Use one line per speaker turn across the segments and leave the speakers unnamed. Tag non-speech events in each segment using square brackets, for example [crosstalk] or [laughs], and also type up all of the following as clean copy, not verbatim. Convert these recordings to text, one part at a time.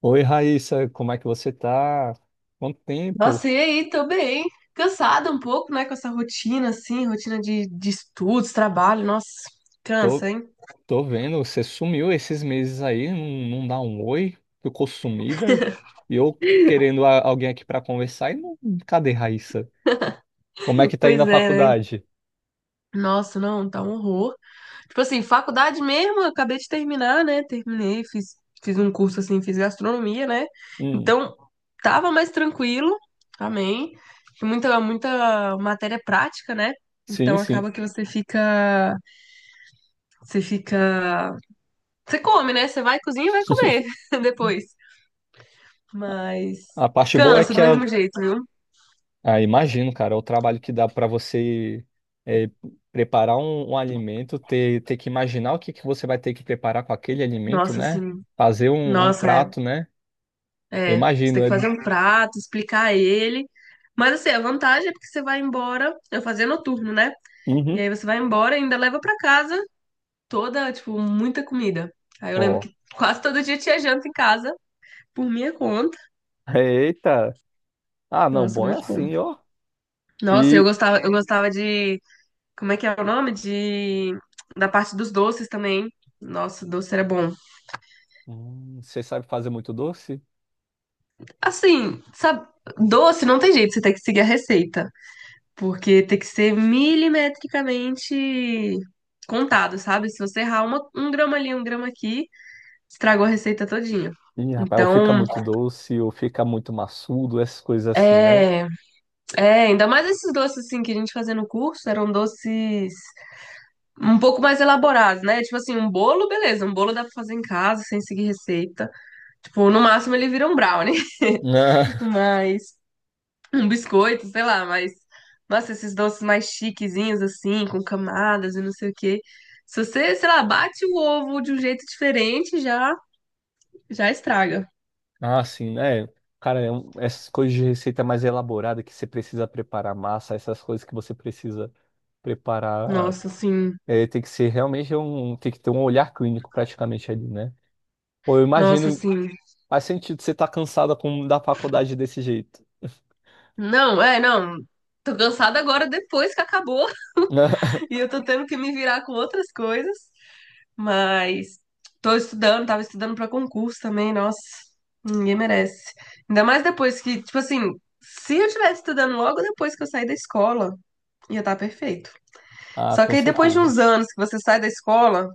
Oi, Raíssa, como é que você tá? Quanto tempo?
Nossa, e aí, tô bem. Cansada um pouco, né, com essa rotina, assim, rotina de estudos, trabalho, nossa,
Tô,
cansa, hein?
tô, vendo, você sumiu esses meses aí, não dá um oi, ficou sumida. E eu querendo alguém aqui pra conversar e não, cadê Raíssa? Como é que tá indo
Pois
a
é, né?
faculdade?
Nossa, não, tá um horror. Tipo assim, faculdade mesmo, eu acabei de terminar, né? Terminei, fiz um curso, assim, fiz gastronomia, né?
Hum,
Então, tava mais tranquilo, amém. E muita matéria prática, né? Então,
sim.
acaba que você fica, você come, né? Você vai cozinhar e vai comer
[laughs]
[laughs] depois. Mas
A parte boa é
cansa
que
do mesmo jeito, viu?
ah, imagino, cara, o trabalho que dá para você é, preparar um alimento, ter que imaginar o que que você vai ter que preparar com aquele alimento,
Nossa,
né?
assim,
Fazer um
nossa, é,
prato, né? Eu
é. Você
imagino,
tem que
é,
fazer um prato, explicar ele. Mas assim, a vantagem é porque você vai embora, eu fazia noturno, né? E
uhum.
aí você vai embora e ainda leva pra casa toda, tipo, muita comida. Aí eu lembro
Ó.
que quase todo dia tinha janta em casa, por minha conta.
[laughs] Eita. Ah, não,
Nossa,
bom é
muito bom.
assim, ó.
Nossa,
E
eu gostava de, como é que é o nome? De Da parte dos doces também. Nossa, doce era bom.
você sabe fazer muito doce?
Assim, sabe, doce não tem jeito, você tem que seguir a receita, porque tem que ser milimetricamente contado, sabe? Se você errar um grama ali, um grama aqui, estragou a receita todinha.
Ih, rapaz, ou fica
Então,
muito doce, ou fica muito maçudo, essas coisas assim, né?
é, é, ainda mais esses doces assim que a gente fazia no curso, eram doces um pouco mais elaborados, né? Tipo assim, um bolo, beleza, um bolo dá pra fazer em casa sem seguir receita. Tipo, no máximo ele vira um brownie, [laughs]
[laughs]
mas um biscoito, sei lá, mas. Nossa, esses doces mais chiquezinhos, assim, com camadas e não sei o quê. Se você, sei lá, bate o ovo de um jeito diferente, já estraga.
Ah, ah, sim, né? Cara, essas coisas de receita mais elaborada que você precisa preparar massa, essas coisas que você precisa preparar,
Nossa, assim.
é, tem que ser realmente tem que ter um olhar clínico praticamente ali, né? Pô, eu
Nossa,
imagino,
assim.
faz sentido você estar cansada com, da faculdade desse jeito.
Não, é, não. Tô cansada agora depois que acabou.
[laughs]
[laughs] E eu tô tendo que me virar com outras coisas. Mas tô estudando, tava estudando pra concurso também, nossa. Ninguém merece. Ainda mais depois que, tipo assim, se eu tivesse estudando logo depois que eu saí da escola, ia estar perfeito.
Ah,
Só
com
que aí depois de
certeza.
uns anos que você sai da escola,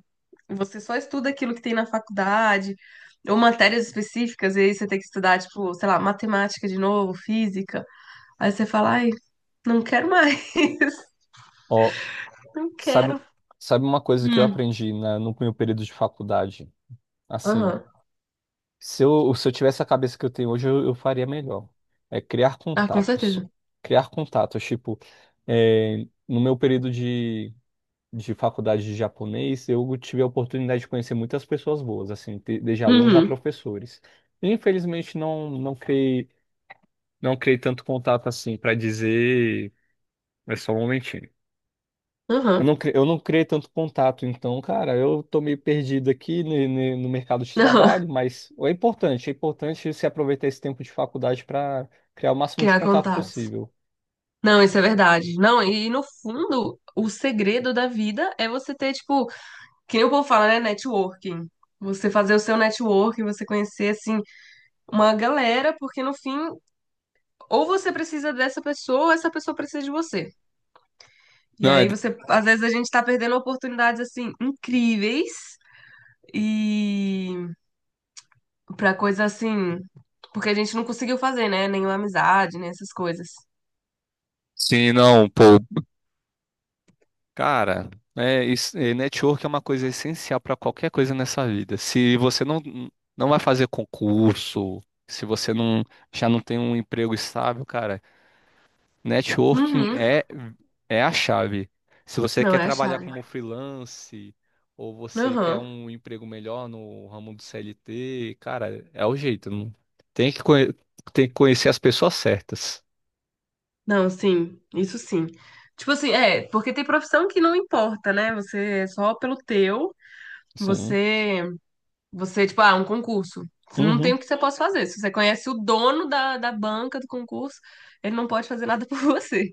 você só estuda aquilo que tem na faculdade, ou matérias específicas, e aí você tem que estudar, tipo, sei lá, matemática de novo, física. Aí você fala, ai, não quero mais, [laughs]
Ó,
não
sabe,
quero.
sabe uma coisa que eu
Hum,
aprendi na, no meu período de faculdade? Assim,
aham.
se eu tivesse a cabeça que eu tenho hoje, eu faria melhor. É criar
Ah, com
contatos.
certeza.
Criar contatos. Tipo, é, no meu período de faculdade de japonês, eu tive a oportunidade de conhecer muitas pessoas boas, assim, desde alunos a
Uhum,
professores. E, infelizmente, não criei tanto contato assim para dizer. É só um momentinho. Eu
aham,
não, eu não criei tanto contato, então, cara, eu tô meio perdido aqui no mercado de
aham.
trabalho,
[laughs]
mas é importante se aproveitar esse tempo de faculdade para criar o máximo de
Criar
contato
contatos.
possível.
Não, isso é verdade. Não, e no fundo, o segredo da vida é você ter, tipo, que nem o povo fala, né? Networking. Você fazer o seu networking, você conhecer, assim, uma galera, porque no fim, ou você precisa dessa pessoa, ou essa pessoa precisa de você. E
Não, é-
aí você, às vezes a gente tá perdendo oportunidades assim incríveis e pra coisa assim, porque a gente não conseguiu fazer, né? Nenhuma amizade, né? Essas coisas.
sim, não, pô. Cara, é, isso, é, network é uma coisa essencial para qualquer coisa nessa vida. Se você não, não vai fazer concurso, se você não já não tem um emprego estável, cara. Networking
Uhum.
é, é a chave. Se você
Não,
quer
é a
trabalhar
chave.
como freelance ou você quer
Aham.
um emprego melhor no ramo do CLT, cara, é o jeito. Tem que, tem que conhecer as pessoas certas.
Não, sim, isso sim. Tipo assim, é, porque tem profissão que não importa, né? Você é só pelo teu,
Sim.
você Você, tipo, ah, um concurso. Você não tem
Uhum,
o que você possa fazer. Se você conhece o dono da banca do concurso, ele não pode fazer nada [laughs] por você.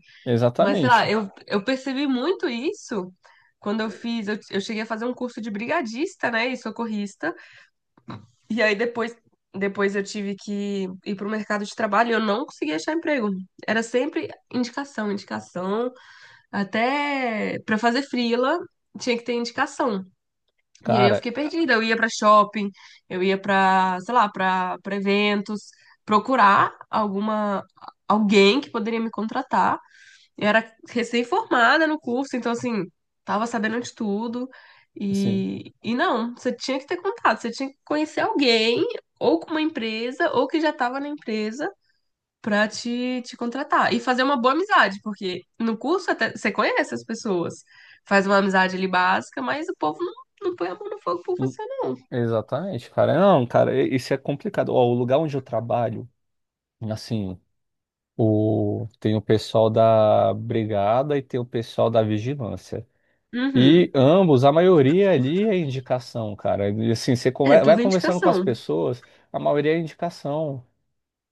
Mas, sei lá,
exatamente.
eu percebi muito isso quando eu fiz. Eu cheguei a fazer um curso de brigadista, né, e socorrista. E aí depois eu tive que ir para o mercado de trabalho e eu não conseguia achar emprego. Era sempre indicação, indicação. Até para fazer freela, tinha que ter indicação. E aí eu
Cara,
fiquei perdida. Eu ia pra shopping, eu ia pra, sei lá, pra para eventos, procurar alguma alguém que poderia me contratar. Eu era recém-formada no curso, então assim, tava sabendo de tudo.
assim,
E não, você tinha que ter contato, você tinha que conhecer alguém, ou com uma empresa, ou que já estava na empresa, pra te contratar. E fazer uma boa amizade, porque no curso até você conhece as pessoas. Faz uma amizade ali básica, mas o povo não põe a mão no fogo por
hum,
você, não.
exatamente, cara. Não, cara, isso é complicado. Ó, o lugar onde eu trabalho, assim, o... tem o pessoal da brigada e tem o pessoal da vigilância.
Uhum.
E ambos, a maioria ali é indicação, cara. E, assim, você
É
vai
tudo
conversando com as
indicação.
pessoas, a maioria é indicação.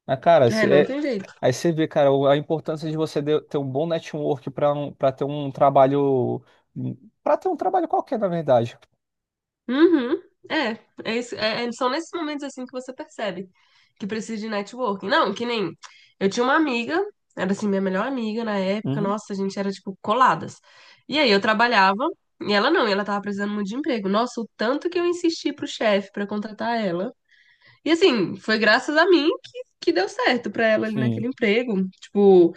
Ah, cara,
É, não tem jeito.
aí você vê, cara, a importância de você ter um bom network para um, para ter um trabalho, para ter um trabalho qualquer, na verdade.
Uhum. É, é isso, são nesses momentos assim que você percebe que precisa de networking. Não, que nem eu tinha uma amiga, era assim minha melhor amiga na época,
Uhum,
nossa, a gente era tipo coladas. E aí eu trabalhava e ela não, e ela tava precisando muito de emprego. Nossa, o tanto que eu insisti pro chefe pra contratar ela. E assim, foi graças a mim que deu certo pra ela ali naquele
sim.
emprego. Tipo,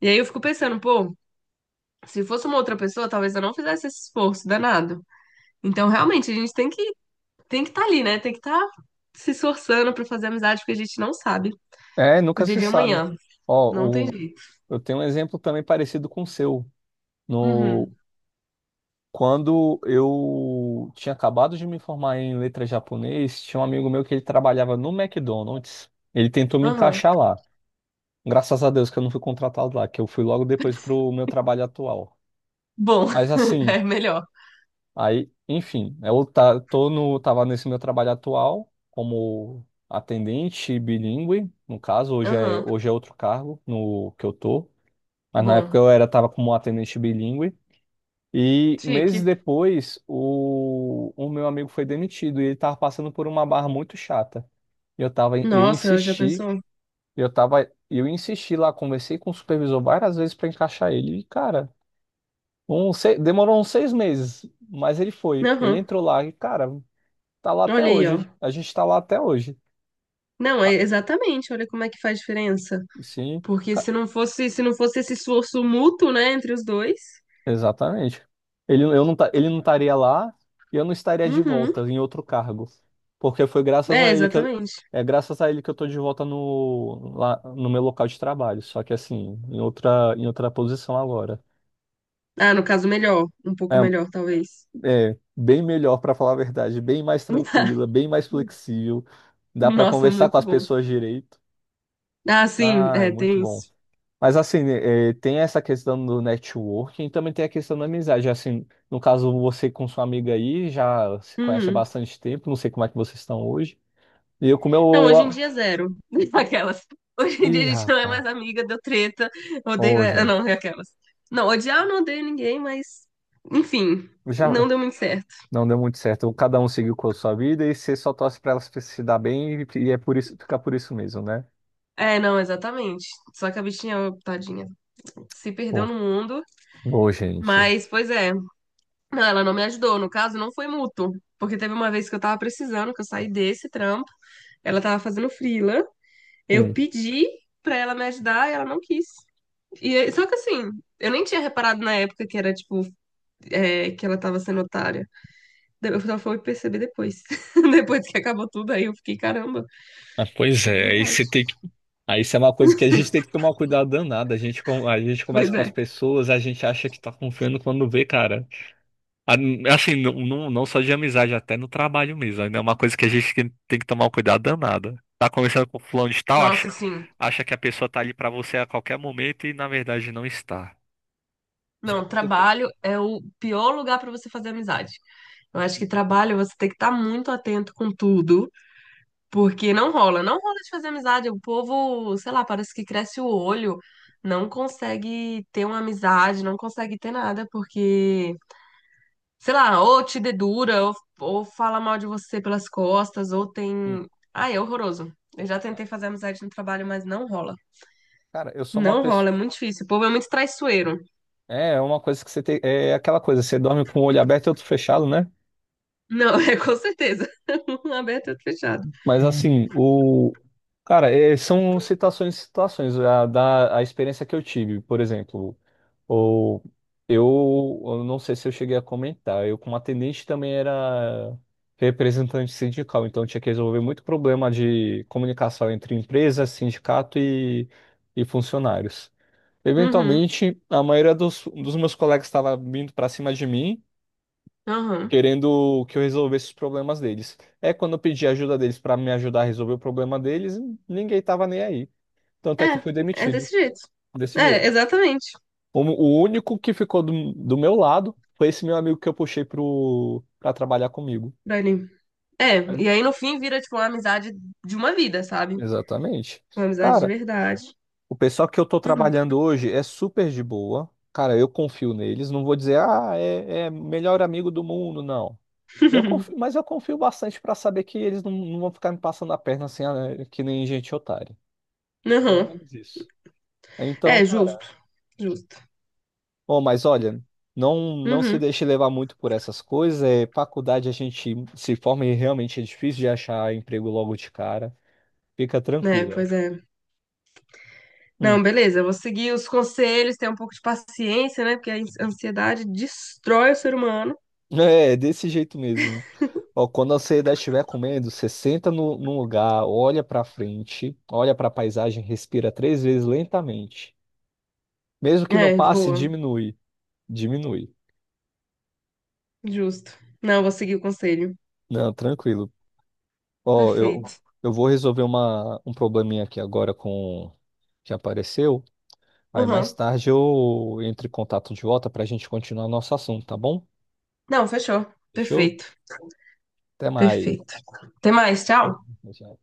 e aí eu fico pensando, pô, se fosse uma outra pessoa, talvez eu não fizesse esse esforço danado. Então, realmente, a gente tem que estar ali, né? Tem que estar se esforçando pra fazer amizade, porque a gente não sabe
É,
o
nunca
dia
se
de
sabe.
amanhã.
Ó,
Não tem
o-
jeito.
eu tenho um exemplo também parecido com o seu. No
Uhum.
Quando eu tinha acabado de me formar em letras japonês, tinha um amigo meu que ele trabalhava no McDonald's. Ele tentou me
Aham.
encaixar lá. Graças a Deus que eu não fui contratado lá, que eu fui logo depois pro meu trabalho atual.
Bom,
Mas
[laughs]
assim,
é melhor.
aí, enfim, tô no, tava nesse meu trabalho atual como atendente bilíngue, no caso,
Aham.
hoje é outro cargo no que eu tô. Mas na época
Bom,
eu era, tava como atendente bilíngue. E meses
chique.
depois, o meu amigo foi demitido e ele estava passando por uma barra muito chata. E
Nossa, já pensou?
eu tava, eu insisti lá, conversei com o supervisor várias vezes para encaixar ele. E, cara, demorou uns 6 meses, mas ele foi. Ele
Aham.
entrou lá e, cara, tá lá até
Olha aí,
hoje.
ó.
A gente tá lá até hoje.
Não, é
Ah,
exatamente. Olha como é que faz diferença.
sim.
Porque se não fosse esse esforço mútuo, né, entre os dois.
Exatamente. Ele não estaria lá e eu não estaria de
Uhum.
volta em outro cargo. Porque foi graças
É,
a ele que eu,
exatamente.
é graças a ele que eu tô de volta lá, no meu local de trabalho. Só que assim, em em outra posição agora.
Ah, no caso, melhor. Um pouco
É,
melhor, talvez.
é bem melhor, para falar a verdade, bem mais tranquila,
[laughs]
bem mais flexível. Dá para
Nossa,
conversar com
muito
as
bom.
pessoas direito.
Ah, sim,
Ah, é
é,
muito
tem
bom.
isso.
Mas assim, né, eh, tem essa questão do networking e também tem a questão da amizade. Assim, no caso, você com sua amiga aí já se conhece há
Uhum.
bastante tempo, não sei como é que vocês estão hoje. E eu com o
Não,
meu.
hoje em dia é zero. [laughs] Aquelas. Hoje em dia a
Ih,
gente não é
rapaz.
mais amiga, deu treta, odeio
Ô,
ela.
gente,
Não, é aquelas. Não, odiar eu não odeio ninguém, mas. Enfim, não
já
deu muito certo.
não deu muito certo. Cada um seguiu com a sua vida e você só torce para elas se dar bem e é por isso, fica por isso mesmo, né?
É, não, exatamente. Só que a bichinha, ó, tadinha, se perdeu
Ô,
no mundo.
ô, gente.
Mas, pois é. Não, ela não me ajudou. No caso, não foi mútuo. Porque teve uma vez que eu tava precisando, que eu saí desse trampo. Ela tava fazendo freela. Eu
Sim.
pedi pra ela me ajudar e ela não quis. Só que assim, eu nem tinha reparado na época que era, tipo, é, que ela tava sendo otária. Daí eu só fui perceber depois. [laughs] Depois que acabou tudo, aí eu fiquei, caramba,
Ah, pois
é
é, aí
verdade.
você tem que. Aí isso é uma coisa que a gente tem que tomar cuidado danado. A gente, a gente começa
Pois
com as
é.
pessoas, a gente acha que tá confiando quando vê, cara. A- Assim, não, não só de amizade, até no trabalho mesmo. Ainda é uma coisa que a gente tem que tomar um cuidado danado. Tá conversando com fulano de tal,
Nossa, sim.
acha que a pessoa tá ali pra você a qualquer momento e na verdade não está. Já
Não,
aconteceu.
trabalho é o pior lugar pra você fazer amizade. Eu acho que trabalho você tem que estar muito atento com tudo, porque não rola de fazer amizade. O povo, sei lá, parece que cresce o olho, não consegue ter uma amizade, não consegue ter nada, porque sei lá, ou te dedura, ou fala mal de você pelas costas, ou tem.
Hum.
Ah, é horroroso. Eu já tentei fazer amizade no trabalho, mas não rola.
Cara, eu sou uma
Não rola,
pessoa.
é muito difícil. O povo é muito traiçoeiro.
É, é uma coisa que você tem. É aquela coisa, você dorme com o olho aberto e outro fechado, né?
Não, [laughs] é com certeza. [laughs] Um aberto e outro fechado.
Mas assim, o. Cara, é, são situações e situações. A experiência que eu tive, por exemplo. Ou eu não sei se eu cheguei a comentar, eu como atendente também era representante sindical, então tinha que resolver muito problema de comunicação entre empresa, sindicato e funcionários.
Uhum,
Eventualmente, a maioria dos meus colegas estava vindo para cima de mim,
aham.
querendo que eu resolvesse os problemas deles. É quando eu pedi a ajuda deles para me ajudar a resolver o problema deles, ninguém estava nem aí. Tanto é que eu fui
É, é
demitido
desse jeito.
desse jeito.
É, exatamente,
O único que ficou do meu lado foi esse meu amigo que eu puxei pra trabalhar comigo.
Dani. É,
É,
e aí no fim vira, tipo, uma amizade de uma vida, sabe?
exatamente.
Uma amizade de
Cara,
verdade.
o pessoal que eu tô
Uhum.
trabalhando hoje é super de boa. Cara, eu confio neles. Não vou dizer, ah, é, é melhor amigo do mundo, não. Eu confio,
[laughs]
mas eu confio bastante pra saber que eles não, não vão ficar me passando a perna assim, ah, é, que nem gente otária. Pelo
Uhum.
menos isso. Então,
É, justo. Justo.
oh, mas olha, não se
Uhum.
deixe levar muito por essas coisas. É, faculdade a gente se forma e realmente é difícil de achar emprego logo de cara. Fica
É,
tranquila.
pois é.
Hum.
Não,
[laughs]
beleza, eu vou seguir os conselhos, ter um pouco de paciência, né? Porque a ansiedade destrói o ser humano.
É, desse jeito mesmo. Ó, quando a ansiedade estiver comendo, você senta no, num lugar, olha pra frente, olha pra paisagem, respira 3 vezes lentamente. Mesmo que não
É,
passe,
boa,
diminui. Diminui.
justo. Não, eu vou seguir o conselho.
Não, tranquilo. Ó,
Perfeito.
eu vou resolver um probleminha aqui agora com que apareceu. Aí mais
Uhum.
tarde eu entro em contato de volta para a gente continuar nosso assunto, tá bom?
Não, fechou.
Fechou?
Perfeito,
Até mais.
perfeito. Até mais, tchau.
Tchau.